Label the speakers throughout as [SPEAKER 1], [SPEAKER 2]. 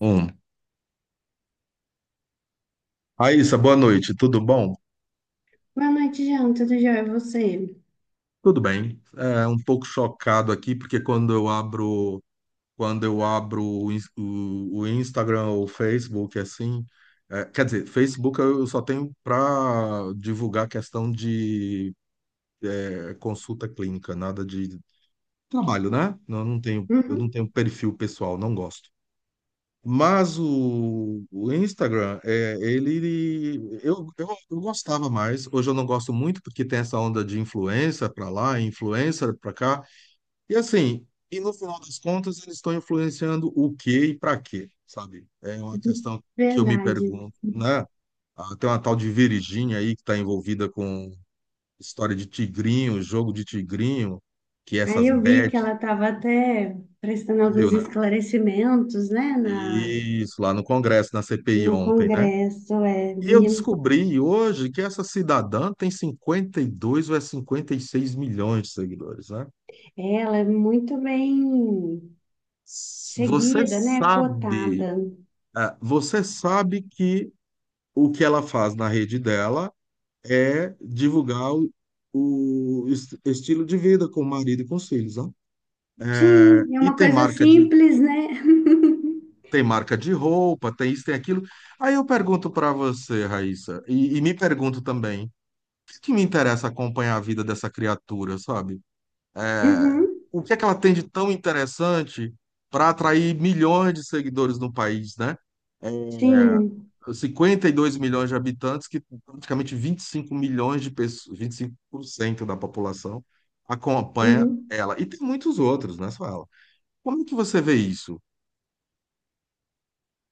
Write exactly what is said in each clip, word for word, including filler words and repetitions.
[SPEAKER 1] Um. Raíssa, boa noite, tudo bom?
[SPEAKER 2] Boa noite, Jean. Tudo jóia? E você?
[SPEAKER 1] Tudo bem. É um pouco chocado aqui, porque quando eu abro, quando eu abro o, ins- o- o Instagram ou o Facebook, assim, é, quer dizer, Facebook eu só tenho para divulgar questão de é, consulta clínica, nada de trabalho, né? Não, não tenho. Eu não
[SPEAKER 2] Uhum.
[SPEAKER 1] tenho perfil pessoal, não gosto. Mas o, o Instagram, é, ele, eu, eu, eu gostava mais. Hoje eu não gosto muito porque tem essa onda de influencer para lá, influencer para cá. E assim, e no final das contas, eles estão influenciando o quê e para quê, sabe? É uma questão que eu me
[SPEAKER 2] Verdade.
[SPEAKER 1] pergunto, né? Ah, tem uma tal de Virgínia aí que está envolvida com história de tigrinho, jogo de tigrinho, que é
[SPEAKER 2] Aí
[SPEAKER 1] essas
[SPEAKER 2] eu vi que
[SPEAKER 1] bets,
[SPEAKER 2] ela estava até prestando
[SPEAKER 1] viu,
[SPEAKER 2] alguns
[SPEAKER 1] né?
[SPEAKER 2] esclarecimentos, né, na,
[SPEAKER 1] Isso, lá no Congresso, na C P I
[SPEAKER 2] no
[SPEAKER 1] ontem, né?
[SPEAKER 2] Congresso. É,
[SPEAKER 1] E eu
[SPEAKER 2] vi.
[SPEAKER 1] descobri hoje que essa cidadã tem cinquenta e dois ou é cinquenta e seis milhões de seguidores, né?
[SPEAKER 2] Ela é muito bem
[SPEAKER 1] S- Você
[SPEAKER 2] seguida, né,
[SPEAKER 1] sabe,
[SPEAKER 2] cotada.
[SPEAKER 1] ah, você sabe que o que ela faz na rede dela é divulgar o, o est- estilo de vida com o marido e com os filhos, né? É,
[SPEAKER 2] Sim, é
[SPEAKER 1] E
[SPEAKER 2] uma
[SPEAKER 1] tem
[SPEAKER 2] coisa
[SPEAKER 1] marca de,
[SPEAKER 2] simples, né?
[SPEAKER 1] tem marca de roupa, tem isso, tem aquilo. Aí eu pergunto para você, Raíssa, e, e me pergunto também, o que que me interessa acompanhar a vida dessa criatura, sabe? É,
[SPEAKER 2] Uhum.
[SPEAKER 1] o que é que ela tem de tão interessante para atrair milhões de seguidores no país, né? É,
[SPEAKER 2] Sim.
[SPEAKER 1] Cinquenta e dois milhões de habitantes, que praticamente vinte e cinco milhões de pessoas, vinte e cinco por cento da população acompanha
[SPEAKER 2] Uhum.
[SPEAKER 1] ela. E tem muitos outros, né? Só ela. Como é que você vê isso?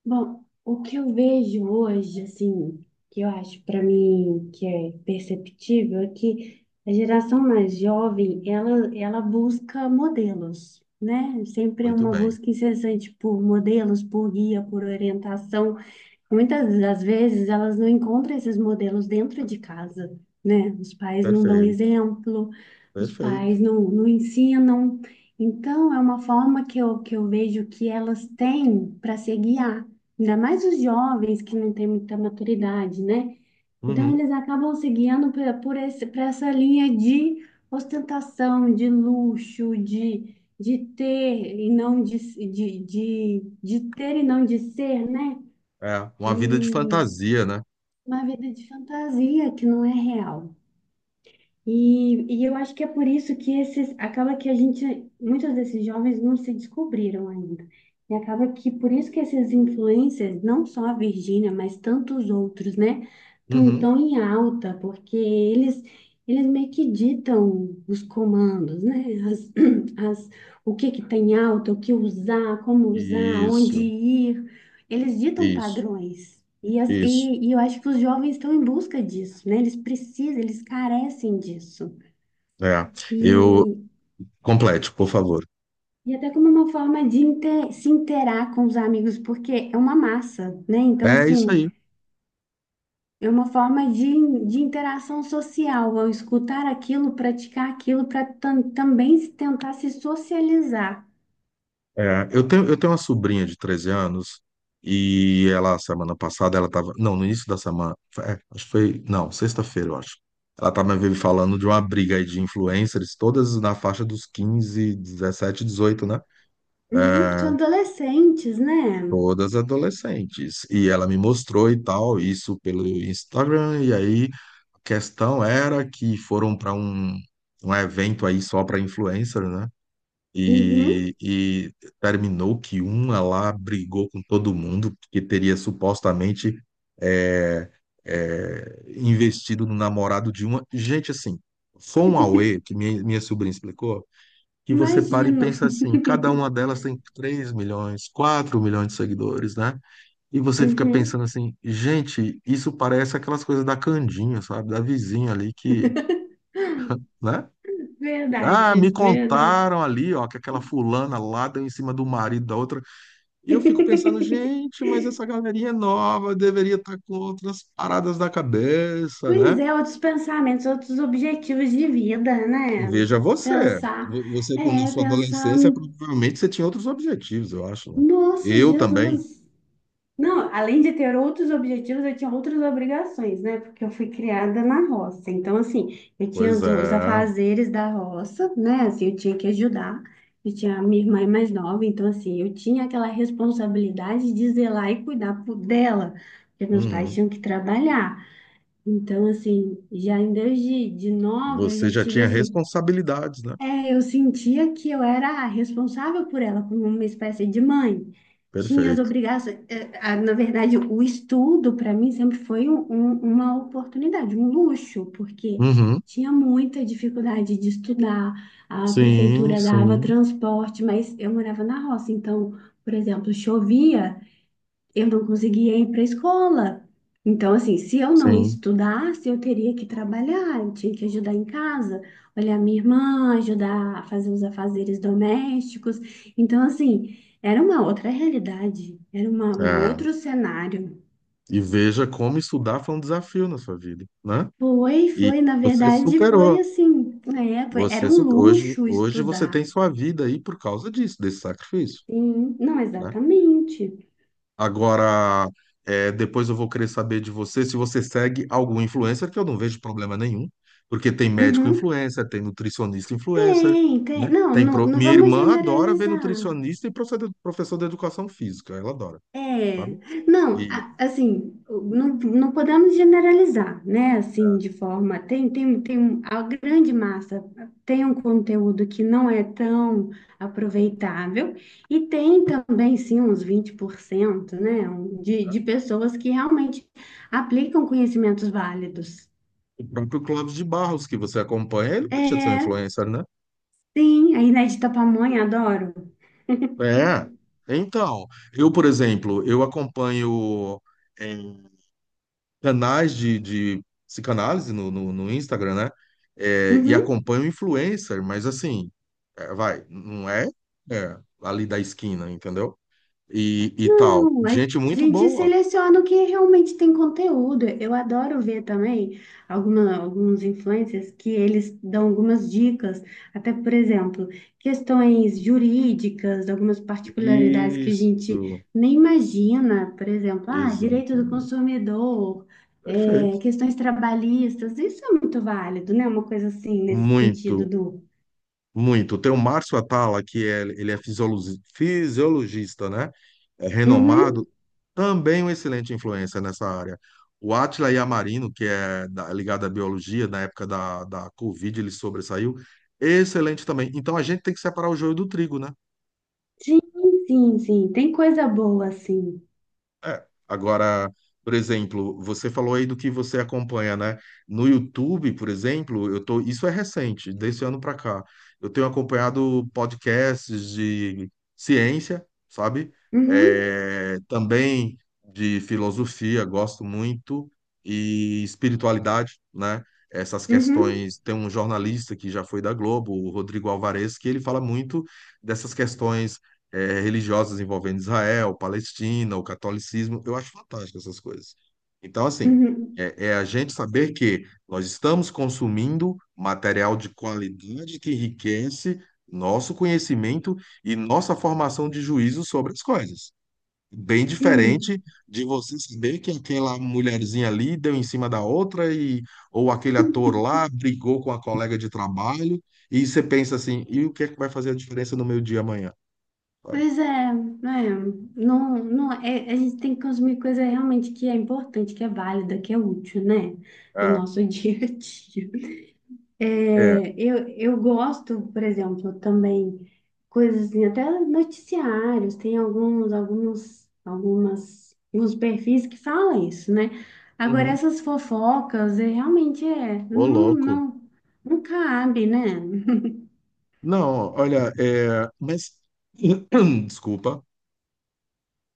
[SPEAKER 2] Bom, o que eu vejo hoje, assim, que eu acho para mim que é perceptível, é que a geração mais jovem, ela, ela busca modelos, né? Sempre é
[SPEAKER 1] Muito
[SPEAKER 2] uma
[SPEAKER 1] bem.
[SPEAKER 2] busca incessante por modelos, por guia, por orientação. Muitas das vezes elas não encontram esses modelos dentro de casa, né? Os pais não dão
[SPEAKER 1] Perfeito,
[SPEAKER 2] exemplo, os
[SPEAKER 1] perfeito.
[SPEAKER 2] pais não, não ensinam. Então, é uma forma que eu, que eu vejo que elas têm para se guiar, ainda mais os jovens que não têm muita maturidade, né? Então,
[SPEAKER 1] Uhum.
[SPEAKER 2] eles acabam se guiando por, por esse, por essa linha de ostentação, de luxo, de, de ter e não de, de, de, de ter e não de ser, né?
[SPEAKER 1] É, uma vida de
[SPEAKER 2] E,
[SPEAKER 1] fantasia, né?
[SPEAKER 2] uma vida de fantasia que não é real. E, e eu acho que é por isso que esses, acaba que a gente, muitos desses jovens não se descobriram ainda. E acaba que por isso que esses influencers, não só a Virgínia, mas tantos outros, né, estão
[SPEAKER 1] Uhum.
[SPEAKER 2] tão em alta, porque eles, eles meio que ditam os comandos, né, as, as, o que que tem alta, o que usar, como usar, onde
[SPEAKER 1] Isso,
[SPEAKER 2] ir. Eles ditam
[SPEAKER 1] isso,
[SPEAKER 2] padrões. E, as-
[SPEAKER 1] isso.
[SPEAKER 2] e, e eu acho que os jovens estão em busca disso, né? Eles precisam, eles carecem disso.
[SPEAKER 1] É. Eu
[SPEAKER 2] E,
[SPEAKER 1] Complete, por favor.
[SPEAKER 2] e até como uma forma de inte- se interar com os amigos, porque é uma massa, né? Então,
[SPEAKER 1] É isso
[SPEAKER 2] assim,
[SPEAKER 1] aí.
[SPEAKER 2] é uma forma de, de interação social, ao escutar aquilo, praticar aquilo, para também se tentar se socializar.
[SPEAKER 1] É, eu tenho, eu tenho uma sobrinha de treze anos e ela, semana passada, ela estava não, no início da semana, é, acho que foi, não, sexta-feira, eu acho. Ela estava me falando de uma briga aí de influencers, todas na faixa dos quinze dezessete dezoito, né?
[SPEAKER 2] Uhum, são adolescentes, né?
[SPEAKER 1] Todas adolescentes. E ela me mostrou e tal, isso pelo Instagram, e aí a questão era que foram para um, um evento aí só para influencer, né?
[SPEAKER 2] Uhum,
[SPEAKER 1] E, e terminou que uma lá brigou com todo mundo, porque teria supostamente é, é, investido no namorado de uma. Gente, assim, foi um auê que minha, minha sobrinha explicou, que você para e
[SPEAKER 2] imagino.
[SPEAKER 1] pensa assim: cada uma delas tem três milhões, quatro milhões de seguidores, né? E você fica
[SPEAKER 2] Uhum.
[SPEAKER 1] pensando assim: gente, isso parece aquelas coisas da Candinha, sabe? Da vizinha ali que. Né? Ah,
[SPEAKER 2] Verdade,
[SPEAKER 1] me
[SPEAKER 2] verdade.
[SPEAKER 1] contaram ali, ó, que aquela fulana lá deu em cima do marido da outra. E eu fico pensando, gente, mas essa galerinha é nova, deveria estar com outras paradas da cabeça,
[SPEAKER 2] Pois
[SPEAKER 1] né?
[SPEAKER 2] é, outros pensamentos, outros objetivos de vida, né?
[SPEAKER 1] Veja você.
[SPEAKER 2] Pensar,
[SPEAKER 1] Vo- Você, quando na
[SPEAKER 2] é,
[SPEAKER 1] sua
[SPEAKER 2] pensar,
[SPEAKER 1] adolescência, provavelmente você tinha outros objetivos, eu acho, né?
[SPEAKER 2] nossa,
[SPEAKER 1] Eu também.
[SPEAKER 2] Jesus. Não, além de ter outros objetivos, eu tinha outras obrigações, né? Porque eu fui criada na roça. Então, assim, eu tinha
[SPEAKER 1] Pois
[SPEAKER 2] os, os
[SPEAKER 1] é.
[SPEAKER 2] afazeres da roça, né? Assim, eu tinha que ajudar. Eu tinha a minha irmã é mais nova, então, assim, eu tinha aquela responsabilidade de zelar e cuidar por- dela, porque meus pais
[SPEAKER 1] Uhum.
[SPEAKER 2] tinham que trabalhar. Então, assim, já em desde de nova, eu
[SPEAKER 1] Você
[SPEAKER 2] já
[SPEAKER 1] já
[SPEAKER 2] tive
[SPEAKER 1] tinha
[SPEAKER 2] assim,
[SPEAKER 1] responsabilidades, né?
[SPEAKER 2] é, eu sentia que eu era responsável por ela, como uma espécie de mãe. Tinha as
[SPEAKER 1] Perfeito.
[SPEAKER 2] obrigações, é, a- na verdade, o estudo para mim sempre foi um- um- uma oportunidade, um luxo, porque
[SPEAKER 1] Uhum.
[SPEAKER 2] tinha muita dificuldade de estudar, a
[SPEAKER 1] Sim,
[SPEAKER 2] prefeitura dava
[SPEAKER 1] sim,
[SPEAKER 2] transporte, mas eu morava na roça, então, por exemplo, chovia eu não conseguia ir para a escola. Então, assim, se eu não
[SPEAKER 1] sim.
[SPEAKER 2] estudasse, eu teria que trabalhar, eu tinha que ajudar em casa, olhar minha irmã, ajudar a fazer os afazeres domésticos. Então, assim, era uma outra realidade, era uma, um
[SPEAKER 1] É.
[SPEAKER 2] outro cenário.
[SPEAKER 1] E veja como estudar foi um desafio na sua vida, né?
[SPEAKER 2] Foi,
[SPEAKER 1] E
[SPEAKER 2] foi, na
[SPEAKER 1] você
[SPEAKER 2] verdade, foi
[SPEAKER 1] superou.
[SPEAKER 2] assim, é, foi-
[SPEAKER 1] Você
[SPEAKER 2] era um
[SPEAKER 1] su- hoje,
[SPEAKER 2] luxo
[SPEAKER 1] hoje você
[SPEAKER 2] estudar.
[SPEAKER 1] tem sua vida aí por causa disso, desse sacrifício,
[SPEAKER 2] Sim, não,
[SPEAKER 1] né?
[SPEAKER 2] exatamente.
[SPEAKER 1] Agora, é, depois eu vou querer saber de você se você segue algum influencer, que eu não vejo problema nenhum, porque tem médico
[SPEAKER 2] Uhum.
[SPEAKER 1] influencer, tem nutricionista influencer,
[SPEAKER 2] Tem,
[SPEAKER 1] né?
[SPEAKER 2] tem. Não,
[SPEAKER 1] Tem
[SPEAKER 2] não,
[SPEAKER 1] pro-
[SPEAKER 2] não
[SPEAKER 1] Minha
[SPEAKER 2] vamos
[SPEAKER 1] irmã adora ver
[SPEAKER 2] generalizar.
[SPEAKER 1] nutricionista e profe- professor de educação física, ela adora,
[SPEAKER 2] É,
[SPEAKER 1] sabe?
[SPEAKER 2] não,
[SPEAKER 1] E
[SPEAKER 2] a- assim, não, não podemos generalizar, né? Assim, de forma, tem, tem, tem um, a grande massa tem um conteúdo que não é tão aproveitável e tem também, sim, uns vinte por cento né? um- De, de pessoas que realmente aplicam conhecimentos válidos.
[SPEAKER 1] o próprio Clóvis de Barros, que você acompanha, ele não deixa de ser um
[SPEAKER 2] É,
[SPEAKER 1] influencer, né?
[SPEAKER 2] sim, a Inés de Tapamonha, adoro.
[SPEAKER 1] É, então, eu, por exemplo, eu acompanho em canais de, de psicanálise no, no, no Instagram, né? É, e
[SPEAKER 2] Uhum.
[SPEAKER 1] acompanho influencer, mas assim, é, vai, não é, é, ali da esquina, entendeu? E, e tal.
[SPEAKER 2] Não,
[SPEAKER 1] Gente
[SPEAKER 2] a
[SPEAKER 1] muito
[SPEAKER 2] gente
[SPEAKER 1] boa.
[SPEAKER 2] seleciona o que realmente tem conteúdo. Eu adoro ver também alguma, alguns influencers que eles dão algumas dicas, até, por exemplo, questões jurídicas, algumas particularidades que a gente
[SPEAKER 1] Isso,
[SPEAKER 2] nem imagina, por exemplo, ah, direito do
[SPEAKER 1] exatamente.
[SPEAKER 2] consumidor, é,
[SPEAKER 1] Perfeito.
[SPEAKER 2] questões trabalhistas, isso é muito válido, né? Uma coisa assim, nesse
[SPEAKER 1] Muito,
[SPEAKER 2] sentido do...
[SPEAKER 1] muito. Tem o Márcio Atala, que é, ele é fisiologista, fisiologista, né? É
[SPEAKER 2] Uhum,
[SPEAKER 1] renomado, também uma excelente influência nessa área. O Átila Yamarino, que é da- ligado à biologia, na época da, da Covid, ele sobressaiu. Excelente também. Então a gente tem que separar o joio do trigo, né?
[SPEAKER 2] sim, sim, sim, tem coisa boa, assim.
[SPEAKER 1] É, agora, por exemplo, você falou aí do que você acompanha, né? No YouTube, por exemplo, eu tô, isso é recente, desse ano para cá. Eu tenho acompanhado podcasts de ciência, sabe?
[SPEAKER 2] Uhum,
[SPEAKER 1] É, também de filosofia, gosto muito, e espiritualidade, né? Essas
[SPEAKER 2] uhum.
[SPEAKER 1] questões. Tem um jornalista que já foi da Globo, o Rodrigo Alvarez, que ele fala muito dessas questões eh, religiosas envolvendo Israel, Palestina, o catolicismo. Eu acho fantástico essas coisas. Então, assim,
[SPEAKER 2] Uhum.
[SPEAKER 1] é, é a gente saber que nós estamos consumindo material de qualidade que enriquece nosso conhecimento e nossa formação de juízo sobre as coisas. Bem
[SPEAKER 2] Sim,
[SPEAKER 1] diferente de você saber que aquela mulherzinha ali deu em cima da outra e ou aquele ator lá brigou com a colega de trabalho, e você pensa assim: e o que é que vai fazer a diferença no meu dia amanhã? Sabe?
[SPEAKER 2] pois é, né? Não, não, é, a gente tem que consumir coisa realmente que é importante, que é válida, que é útil, né? No
[SPEAKER 1] É.
[SPEAKER 2] nosso dia a dia.
[SPEAKER 1] É.
[SPEAKER 2] É, eu, eu gosto, por exemplo, também coisas assim, até noticiários, tem alguns, alguns, algumas, alguns perfis que falam isso, né? Agora,
[SPEAKER 1] Uhum.
[SPEAKER 2] essas fofocas, é, realmente é,
[SPEAKER 1] Ô,
[SPEAKER 2] não,
[SPEAKER 1] louco.
[SPEAKER 2] não, não cabe, né?
[SPEAKER 1] Não, olha, é, mas desculpa.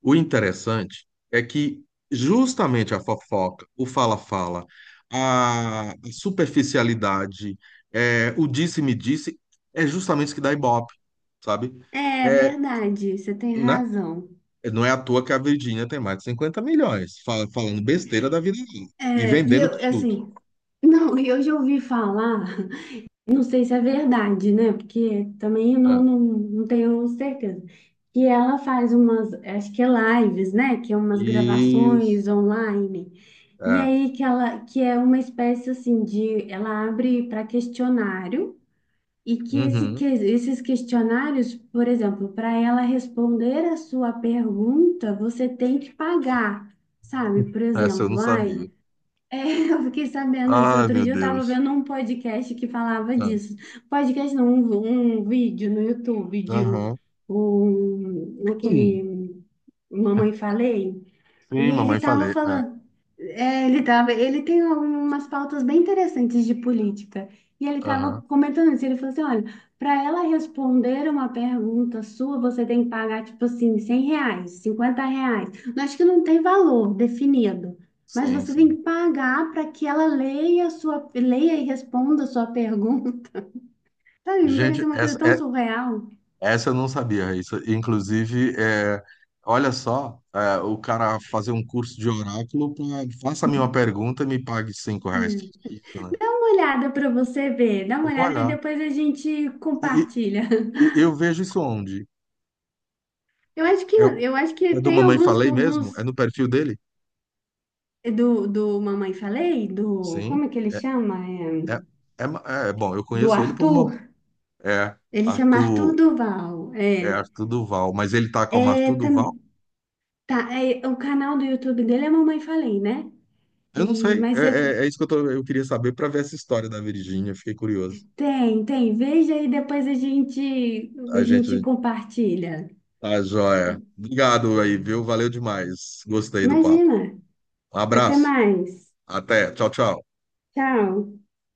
[SPEAKER 1] O interessante é que justamente a fofoca, o fala-fala, a superficialidade, é, o disse-me-disse, é justamente isso que dá ibope, sabe?
[SPEAKER 2] É
[SPEAKER 1] É,
[SPEAKER 2] verdade, você tem
[SPEAKER 1] né?
[SPEAKER 2] razão.
[SPEAKER 1] Não é à toa que a Virgínia tem mais de cinquenta milhões, fala- falando besteira da vida dela e
[SPEAKER 2] É, e
[SPEAKER 1] vendendo
[SPEAKER 2] eu,
[SPEAKER 1] produto.
[SPEAKER 2] assim, não, e eu já ouvi falar, não sei se é verdade, né? Porque também eu
[SPEAKER 1] É.
[SPEAKER 2] não, não, não tenho certeza. Que ela faz umas, acho que é lives, né? Que é umas
[SPEAKER 1] Isso.
[SPEAKER 2] gravações online. E
[SPEAKER 1] É.
[SPEAKER 2] aí que ela, que é uma espécie assim de, ela abre para questionário e que, esse, que
[SPEAKER 1] Uhum.
[SPEAKER 2] esses questionários, por exemplo, para ela responder a sua pergunta, você tem que pagar, sabe? Por
[SPEAKER 1] Essa eu não
[SPEAKER 2] exemplo, ai,
[SPEAKER 1] sabia.
[SPEAKER 2] é, eu fiquei sabendo isso.
[SPEAKER 1] Ai,
[SPEAKER 2] Outro
[SPEAKER 1] meu
[SPEAKER 2] dia eu tava
[SPEAKER 1] Deus.
[SPEAKER 2] vendo um podcast que falava
[SPEAKER 1] Tá.
[SPEAKER 2] disso. Podcast não, um, um vídeo no YouTube de um,
[SPEAKER 1] Aham.
[SPEAKER 2] um-
[SPEAKER 1] Hum.
[SPEAKER 2] aquele Mamãe Falei. E
[SPEAKER 1] Sim,
[SPEAKER 2] ele
[SPEAKER 1] mamãe
[SPEAKER 2] estava
[SPEAKER 1] falei. É.
[SPEAKER 2] falando, é, ele tava, ele tem algumas pautas bem interessantes de política. E ele estava
[SPEAKER 1] Aham.
[SPEAKER 2] comentando isso, ele falou assim, olha, para ela responder uma pergunta sua, você tem que pagar, tipo assim, cem reais, cinquenta reais. Eu acho que não tem valor definido, mas
[SPEAKER 1] Sim,
[SPEAKER 2] você tem
[SPEAKER 1] sim.
[SPEAKER 2] que pagar para que ela leia a sua, leia e responda a sua pergunta. Sabe, me
[SPEAKER 1] Gente,
[SPEAKER 2] pareceu uma coisa
[SPEAKER 1] essa,
[SPEAKER 2] tão
[SPEAKER 1] é,
[SPEAKER 2] surreal.
[SPEAKER 1] essa eu não sabia, Raíssa. Inclusive, é, olha só, é, o cara fazer um curso de oráculo pra, faça-me uma pergunta e me pague cinco
[SPEAKER 2] É.
[SPEAKER 1] reais. Que que é isso, né?
[SPEAKER 2] Dá uma olhada para você ver, dá
[SPEAKER 1] Eu
[SPEAKER 2] uma
[SPEAKER 1] vou
[SPEAKER 2] olhada e
[SPEAKER 1] olhar.
[SPEAKER 2] depois a gente
[SPEAKER 1] E, e-
[SPEAKER 2] compartilha.
[SPEAKER 1] e eu vejo isso onde?
[SPEAKER 2] Eu acho que
[SPEAKER 1] Eu,
[SPEAKER 2] eu acho que
[SPEAKER 1] é do
[SPEAKER 2] tem
[SPEAKER 1] Mamãe
[SPEAKER 2] alguns
[SPEAKER 1] Falei mesmo? É
[SPEAKER 2] alguns
[SPEAKER 1] no perfil dele?
[SPEAKER 2] do, do Mamãe Falei, do
[SPEAKER 1] Sim.
[SPEAKER 2] como é que ele
[SPEAKER 1] É,
[SPEAKER 2] chama? É,
[SPEAKER 1] é, é, ma- é, bom, eu
[SPEAKER 2] do
[SPEAKER 1] conheço ele por uma.
[SPEAKER 2] Arthur.
[SPEAKER 1] É,
[SPEAKER 2] Ele chama Arthur
[SPEAKER 1] Arthur.
[SPEAKER 2] Duval.
[SPEAKER 1] É
[SPEAKER 2] É.
[SPEAKER 1] Arthur Duval, mas ele tá como
[SPEAKER 2] É,
[SPEAKER 1] Arthur Duval?
[SPEAKER 2] tam- tá, é, o canal do YouTube dele é Mamãe Falei, né?
[SPEAKER 1] Eu não
[SPEAKER 2] E
[SPEAKER 1] sei. É,
[SPEAKER 2] mas é-
[SPEAKER 1] é- é isso que eu, tô- eu queria saber para ver essa história da Virgínia. Fiquei curioso.
[SPEAKER 2] tem, tem, veja e depois a gente a
[SPEAKER 1] A
[SPEAKER 2] gente
[SPEAKER 1] gente
[SPEAKER 2] compartilha.
[SPEAKER 1] tá joia. Obrigado aí, viu? Valeu demais. Gostei do papo.
[SPEAKER 2] Imagina.
[SPEAKER 1] Um
[SPEAKER 2] Até
[SPEAKER 1] abraço.
[SPEAKER 2] mais.
[SPEAKER 1] Até. Tchau, tchau.
[SPEAKER 2] Tchau.